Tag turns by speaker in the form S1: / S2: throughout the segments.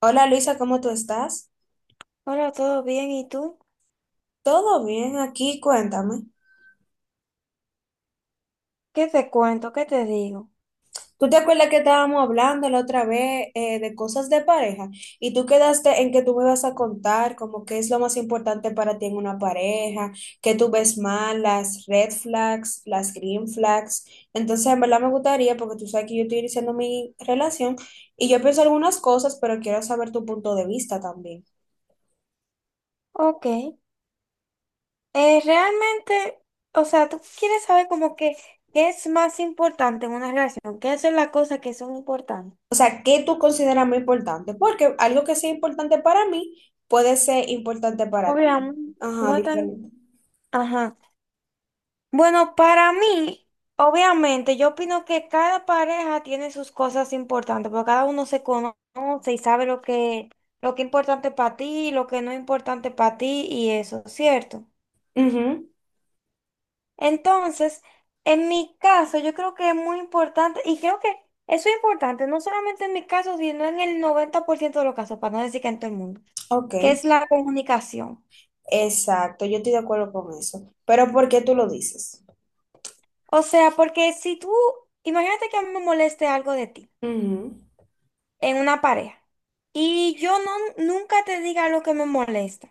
S1: Hola Luisa, ¿cómo tú estás?
S2: Hola, ¿todo bien? ¿Y tú?
S1: Todo bien aquí, cuéntame.
S2: ¿Qué te cuento? ¿Qué te digo?
S1: ¿Tú te acuerdas que estábamos hablando la otra vez de cosas de pareja? Y tú quedaste en que tú me vas a contar como qué es lo más importante para ti en una pareja, qué tú ves mal, las red flags, las green flags. Entonces, en verdad me gustaría, porque tú sabes que yo estoy iniciando mi relación y yo pienso algunas cosas, pero quiero saber tu punto de vista también.
S2: Ok. Realmente, o sea, tú quieres saber como que qué es más importante en una relación, qué son las cosas que son importantes.
S1: O sea, ¿qué tú consideras muy importante? Porque algo que sea importante para mí puede ser importante para ti.
S2: Obviamente,
S1: Ajá,
S2: no tan...
S1: diferente.
S2: Ajá. Bueno, para mí, obviamente, yo opino que cada pareja tiene sus cosas importantes, porque cada uno se conoce y sabe lo que es importante para ti, lo que no es importante para ti y eso, ¿cierto?
S1: Ujú.
S2: Entonces, en mi caso, yo creo que es muy importante, y creo que eso es importante, no solamente en mi caso, sino en el 90% de los casos, para no decir que en todo el mundo,
S1: Ok,
S2: que es la comunicación.
S1: exacto, yo estoy de acuerdo con eso. Pero ¿por qué tú lo dices?
S2: O sea, porque si tú, imagínate que a mí me moleste algo de ti
S1: Ujú.
S2: en una pareja, y yo no, nunca te diga lo que me molesta.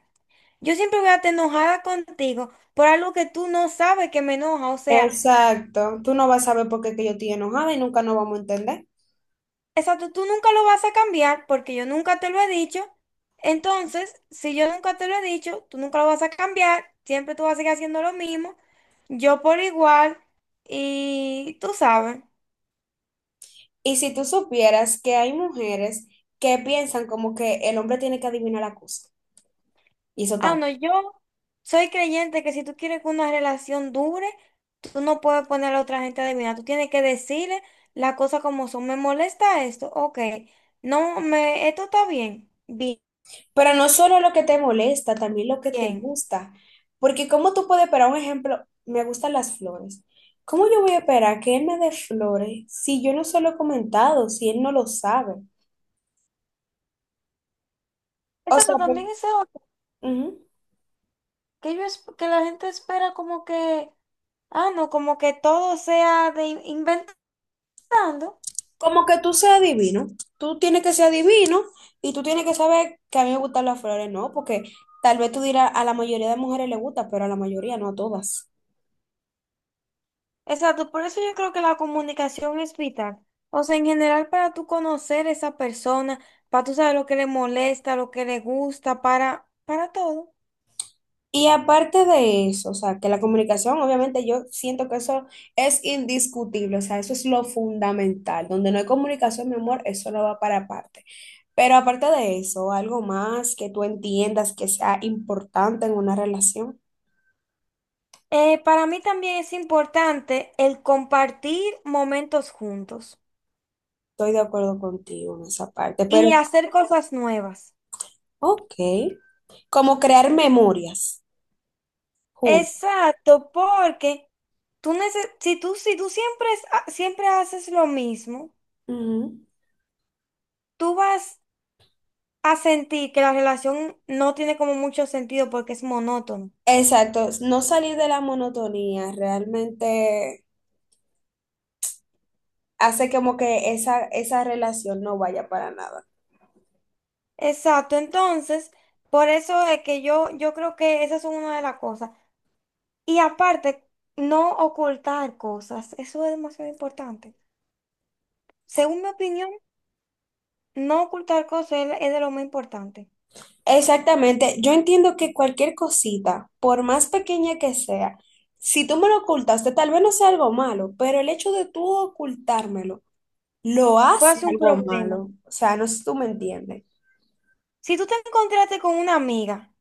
S2: Yo siempre voy a estar enojada contigo por algo que tú no sabes que me enoja. O sea,
S1: Exacto, tú no vas a saber por qué que yo estoy enojada y nunca nos vamos a entender.
S2: exacto, tú nunca lo vas a cambiar porque yo nunca te lo he dicho. Entonces, si yo nunca te lo he dicho, tú nunca lo vas a cambiar. Siempre tú vas a seguir haciendo lo mismo. Yo por igual. Y tú sabes.
S1: Y si tú supieras que hay mujeres que piensan como que el hombre tiene que adivinar la cosa, y eso
S2: Ah,
S1: está.
S2: no, yo soy creyente que si tú quieres que una relación dure, tú no puedes poner a la otra gente a adivinar. Tú tienes que decirle las cosas como son. Me molesta esto. Ok. No, me, esto está bien.
S1: Pero no solo lo que te molesta, también lo que te
S2: Bien.
S1: gusta. Porque cómo tú puedes esperar, un ejemplo, me gustan las flores. ¿Cómo yo voy a esperar que él me dé flores si yo no se lo he comentado, si él no lo sabe? O sea,
S2: Exacto,
S1: pues,
S2: también eso
S1: ujú.
S2: que la gente espera como que, ah, no, como que todo sea inventando.
S1: Como que tú seas divino. Tú tienes que ser divino y tú tienes que saber que a mí me gustan las flores, ¿no? Porque tal vez tú dirás, a la mayoría de mujeres le gusta, pero a la mayoría, no a todas.
S2: Exacto, por eso yo creo que la comunicación es vital. O sea, en general para tú conocer esa persona, para tú saber lo que le molesta, lo que le gusta, para todo.
S1: Y aparte de eso, o sea, que la comunicación, obviamente yo siento que eso es indiscutible, o sea, eso es lo fundamental. Donde no hay comunicación, mi amor, eso no va para aparte. Pero aparte de eso, algo más que tú entiendas que sea importante en una relación,
S2: Para mí también es importante el compartir momentos juntos
S1: estoy de acuerdo contigo en esa parte. Pero,
S2: y hacer cosas nuevas.
S1: ok, como crear memorias juntos.
S2: Exacto, porque si tú, si tú siempre, siempre haces lo mismo,
S1: Ujú.
S2: tú vas a sentir que la relación no tiene como mucho sentido porque es monótono.
S1: Exacto, no salir de la monotonía realmente hace como que esa relación no vaya para nada.
S2: Exacto, entonces, por eso es que yo creo que esa es una de las cosas. Y aparte, no ocultar cosas, eso es demasiado importante. Según mi opinión, no ocultar cosas es de lo más importante.
S1: Exactamente, yo entiendo que cualquier cosita, por más pequeña que sea, si tú me lo ocultaste, tal vez no sea algo malo, pero el hecho de tú ocultármelo lo
S2: Puede
S1: hace
S2: ser un
S1: algo
S2: problema.
S1: malo. O sea, no sé si tú me entiendes.
S2: Si tú te encontraste con una amiga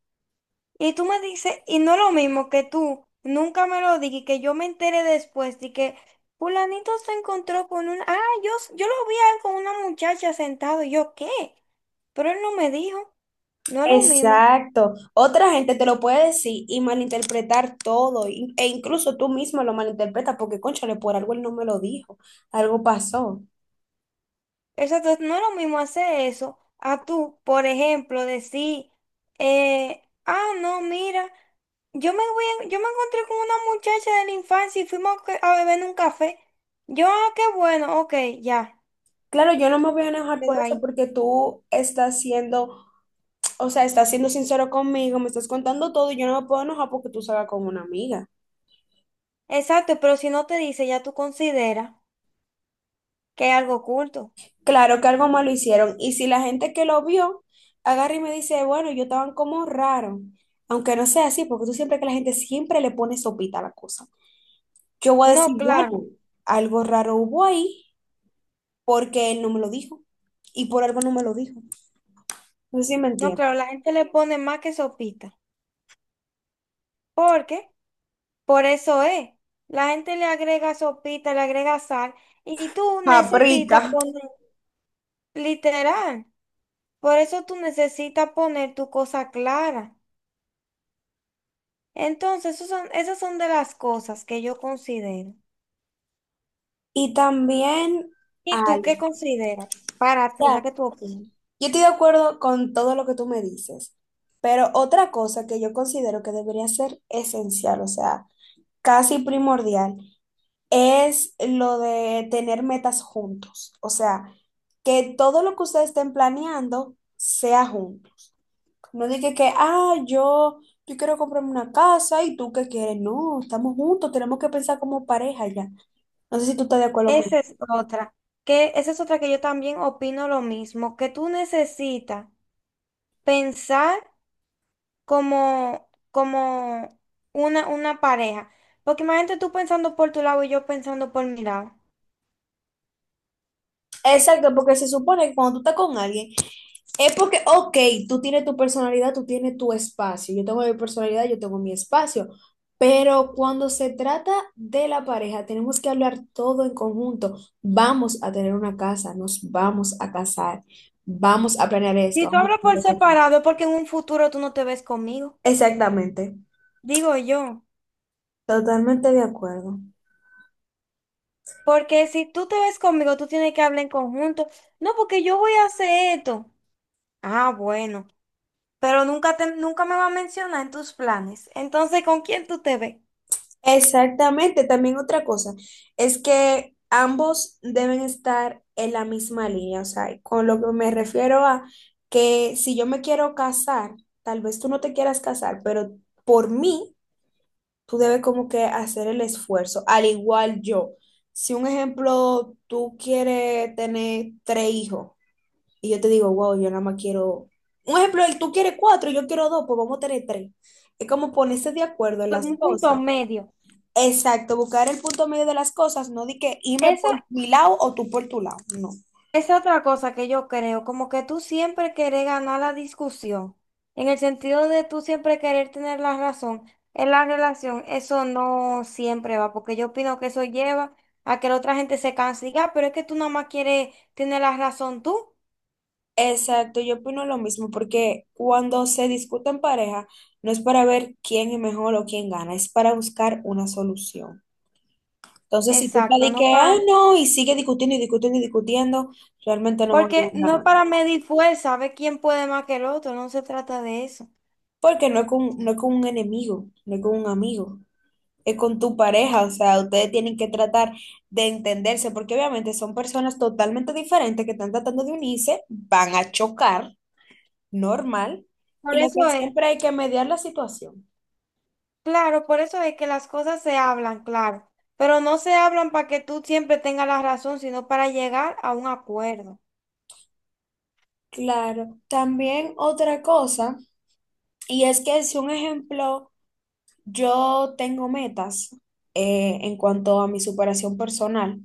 S2: y tú me dices, y no es lo mismo que tú nunca me lo digas y que yo me entere después de que fulanito se encontró con un, ah, yo lo vi a él con una muchacha sentado, y yo, ¿qué? Pero él no me dijo, no es lo mismo.
S1: Exacto. Otra gente te lo puede decir y malinterpretar todo, e incluso tú mismo lo malinterpretas porque, cónchale, por algo él no me lo dijo, algo pasó.
S2: Exacto, no es lo mismo hacer eso a tú, por ejemplo, decir, no, mira, yo me encontré con una muchacha de la infancia y fuimos a beber en un café. Yo, ah, qué bueno, ok, ya,
S1: Claro, yo no me voy a enojar por
S2: quedó
S1: eso
S2: ahí.
S1: porque tú estás siendo. O sea, estás siendo sincero conmigo, me estás contando todo y yo no me puedo enojar porque tú salgas con una amiga.
S2: Exacto, pero si no te dice, ya tú consideras que hay algo oculto.
S1: Claro que algo malo hicieron. Y si la gente que lo vio agarra y me dice, bueno, yo estaban como raro, aunque no sea así, porque tú siempre que la gente siempre le pone sopita a la cosa. Yo voy a
S2: No,
S1: decir, bueno,
S2: claro,
S1: algo raro hubo ahí porque él no me lo dijo y por algo no me lo dijo. No sé si me
S2: no,
S1: entiendes.
S2: claro, la gente le pone más que sopita. ¿Por qué? Por eso es. La gente le agrega sopita, le agrega sal, y tú
S1: Paprika.
S2: necesitas poner, literal, por eso tú necesitas poner tu cosa clara. Entonces, esas son de las cosas que yo considero.
S1: Y también
S2: ¿Y tú qué
S1: algo.
S2: consideras para ti, sabes qué tú opinas?
S1: Yo estoy de acuerdo con todo lo que tú me dices, pero otra cosa que yo considero que debería ser esencial, o sea, casi primordial, es lo de tener metas juntos. O sea, que todo lo que ustedes estén planeando sea junto. No diga que, ah, yo quiero comprarme una casa y tú qué quieres. No, estamos juntos, tenemos que pensar como pareja ya. No sé si tú estás de acuerdo con.
S2: Esa es otra, que esa es otra que yo también opino lo mismo, que tú necesitas pensar como una pareja. Porque imagínate tú pensando por tu lado y yo pensando por mi lado.
S1: Exacto, porque se supone que cuando tú estás con alguien, es porque, ok, tú tienes tu personalidad, tú tienes tu espacio. Yo tengo mi personalidad, yo tengo mi espacio. Pero cuando se trata de la pareja, tenemos que hablar todo en conjunto. Vamos a tener una casa, nos vamos a casar, vamos a planear
S2: Si
S1: esto,
S2: tú
S1: vamos
S2: hablas por
S1: a...
S2: separado es porque en un futuro tú no te ves conmigo,
S1: Exactamente,
S2: digo yo.
S1: totalmente de acuerdo.
S2: Porque si tú te ves conmigo, tú tienes que hablar en conjunto. No, porque yo voy a hacer esto. Ah, bueno, pero nunca me va a mencionar en tus planes. Entonces, ¿con quién tú te ves?
S1: Exactamente, también otra cosa es que ambos deben estar en la misma línea, o sea, con lo que me refiero a que si yo me quiero casar, tal vez tú no te quieras casar, pero por mí tú debes como que hacer el esfuerzo, al igual yo. Si un ejemplo, tú quieres tener tres hijos y yo te digo, wow, yo nada más quiero, un ejemplo, tú quieres cuatro y yo quiero dos, pues vamos a tener tres. Es como ponerse de acuerdo en las
S2: Un punto
S1: cosas.
S2: medio.
S1: Exacto, buscar el punto medio de las cosas, no di que irme
S2: Esa
S1: por mi lado o tú por tu lado, no.
S2: es otra cosa que yo creo, como que tú siempre querés ganar la discusión, en el sentido de tú siempre querer tener la razón en la relación, eso no siempre va, porque yo opino que eso lleva a que la otra gente se canse y diga, "Ah, pero es que tú nada más quieres tener la razón tú".
S1: Exacto, yo opino lo mismo, porque cuando se discute en pareja, no es para ver quién es mejor o quién gana, es para buscar una solución. Entonces, si tú estás
S2: Exacto,
S1: de que,
S2: no
S1: ah,
S2: para,
S1: no, y sigue discutiendo y discutiendo y discutiendo, realmente no van a ir
S2: porque no es
S1: ganando.
S2: para medir fuerza, ver quién puede más que el otro, no se trata de eso.
S1: Porque no es con un enemigo, no es con un amigo. Con tu pareja, o sea, ustedes tienen que tratar de entenderse, porque obviamente son personas totalmente diferentes que están tratando de unirse, van a chocar, normal,
S2: Por
S1: y lo
S2: eso
S1: que
S2: es.
S1: siempre hay que mediar la situación.
S2: Claro, por eso es que las cosas se hablan, claro, pero no se hablan para que tú siempre tengas la razón, sino para llegar a un acuerdo.
S1: Claro, también otra cosa, y es que si un ejemplo, yo tengo metas en cuanto a mi superación personal,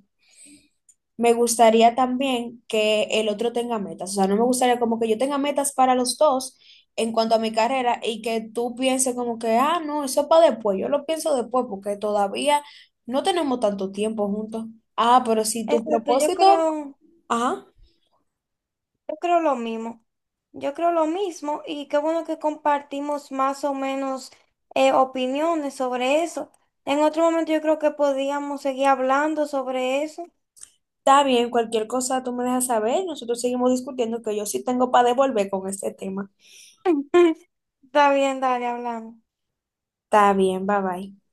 S1: me gustaría también que el otro tenga metas. O sea, no me gustaría como que yo tenga metas para los dos en cuanto a mi carrera y que tú pienses como que, ah, no, eso es para después. Yo lo pienso después porque todavía no tenemos tanto tiempo juntos. Ah, pero si tu
S2: Exacto,
S1: propósito, ajá,
S2: yo creo lo mismo. Yo creo lo mismo y qué bueno que compartimos más o menos opiniones sobre eso. En otro momento yo creo que podíamos seguir hablando sobre eso.
S1: está bien, cualquier cosa tú me dejas saber. Nosotros seguimos discutiendo que yo sí tengo para devolver con este tema.
S2: Está bien, dale, hablamos.
S1: Está bien, bye bye.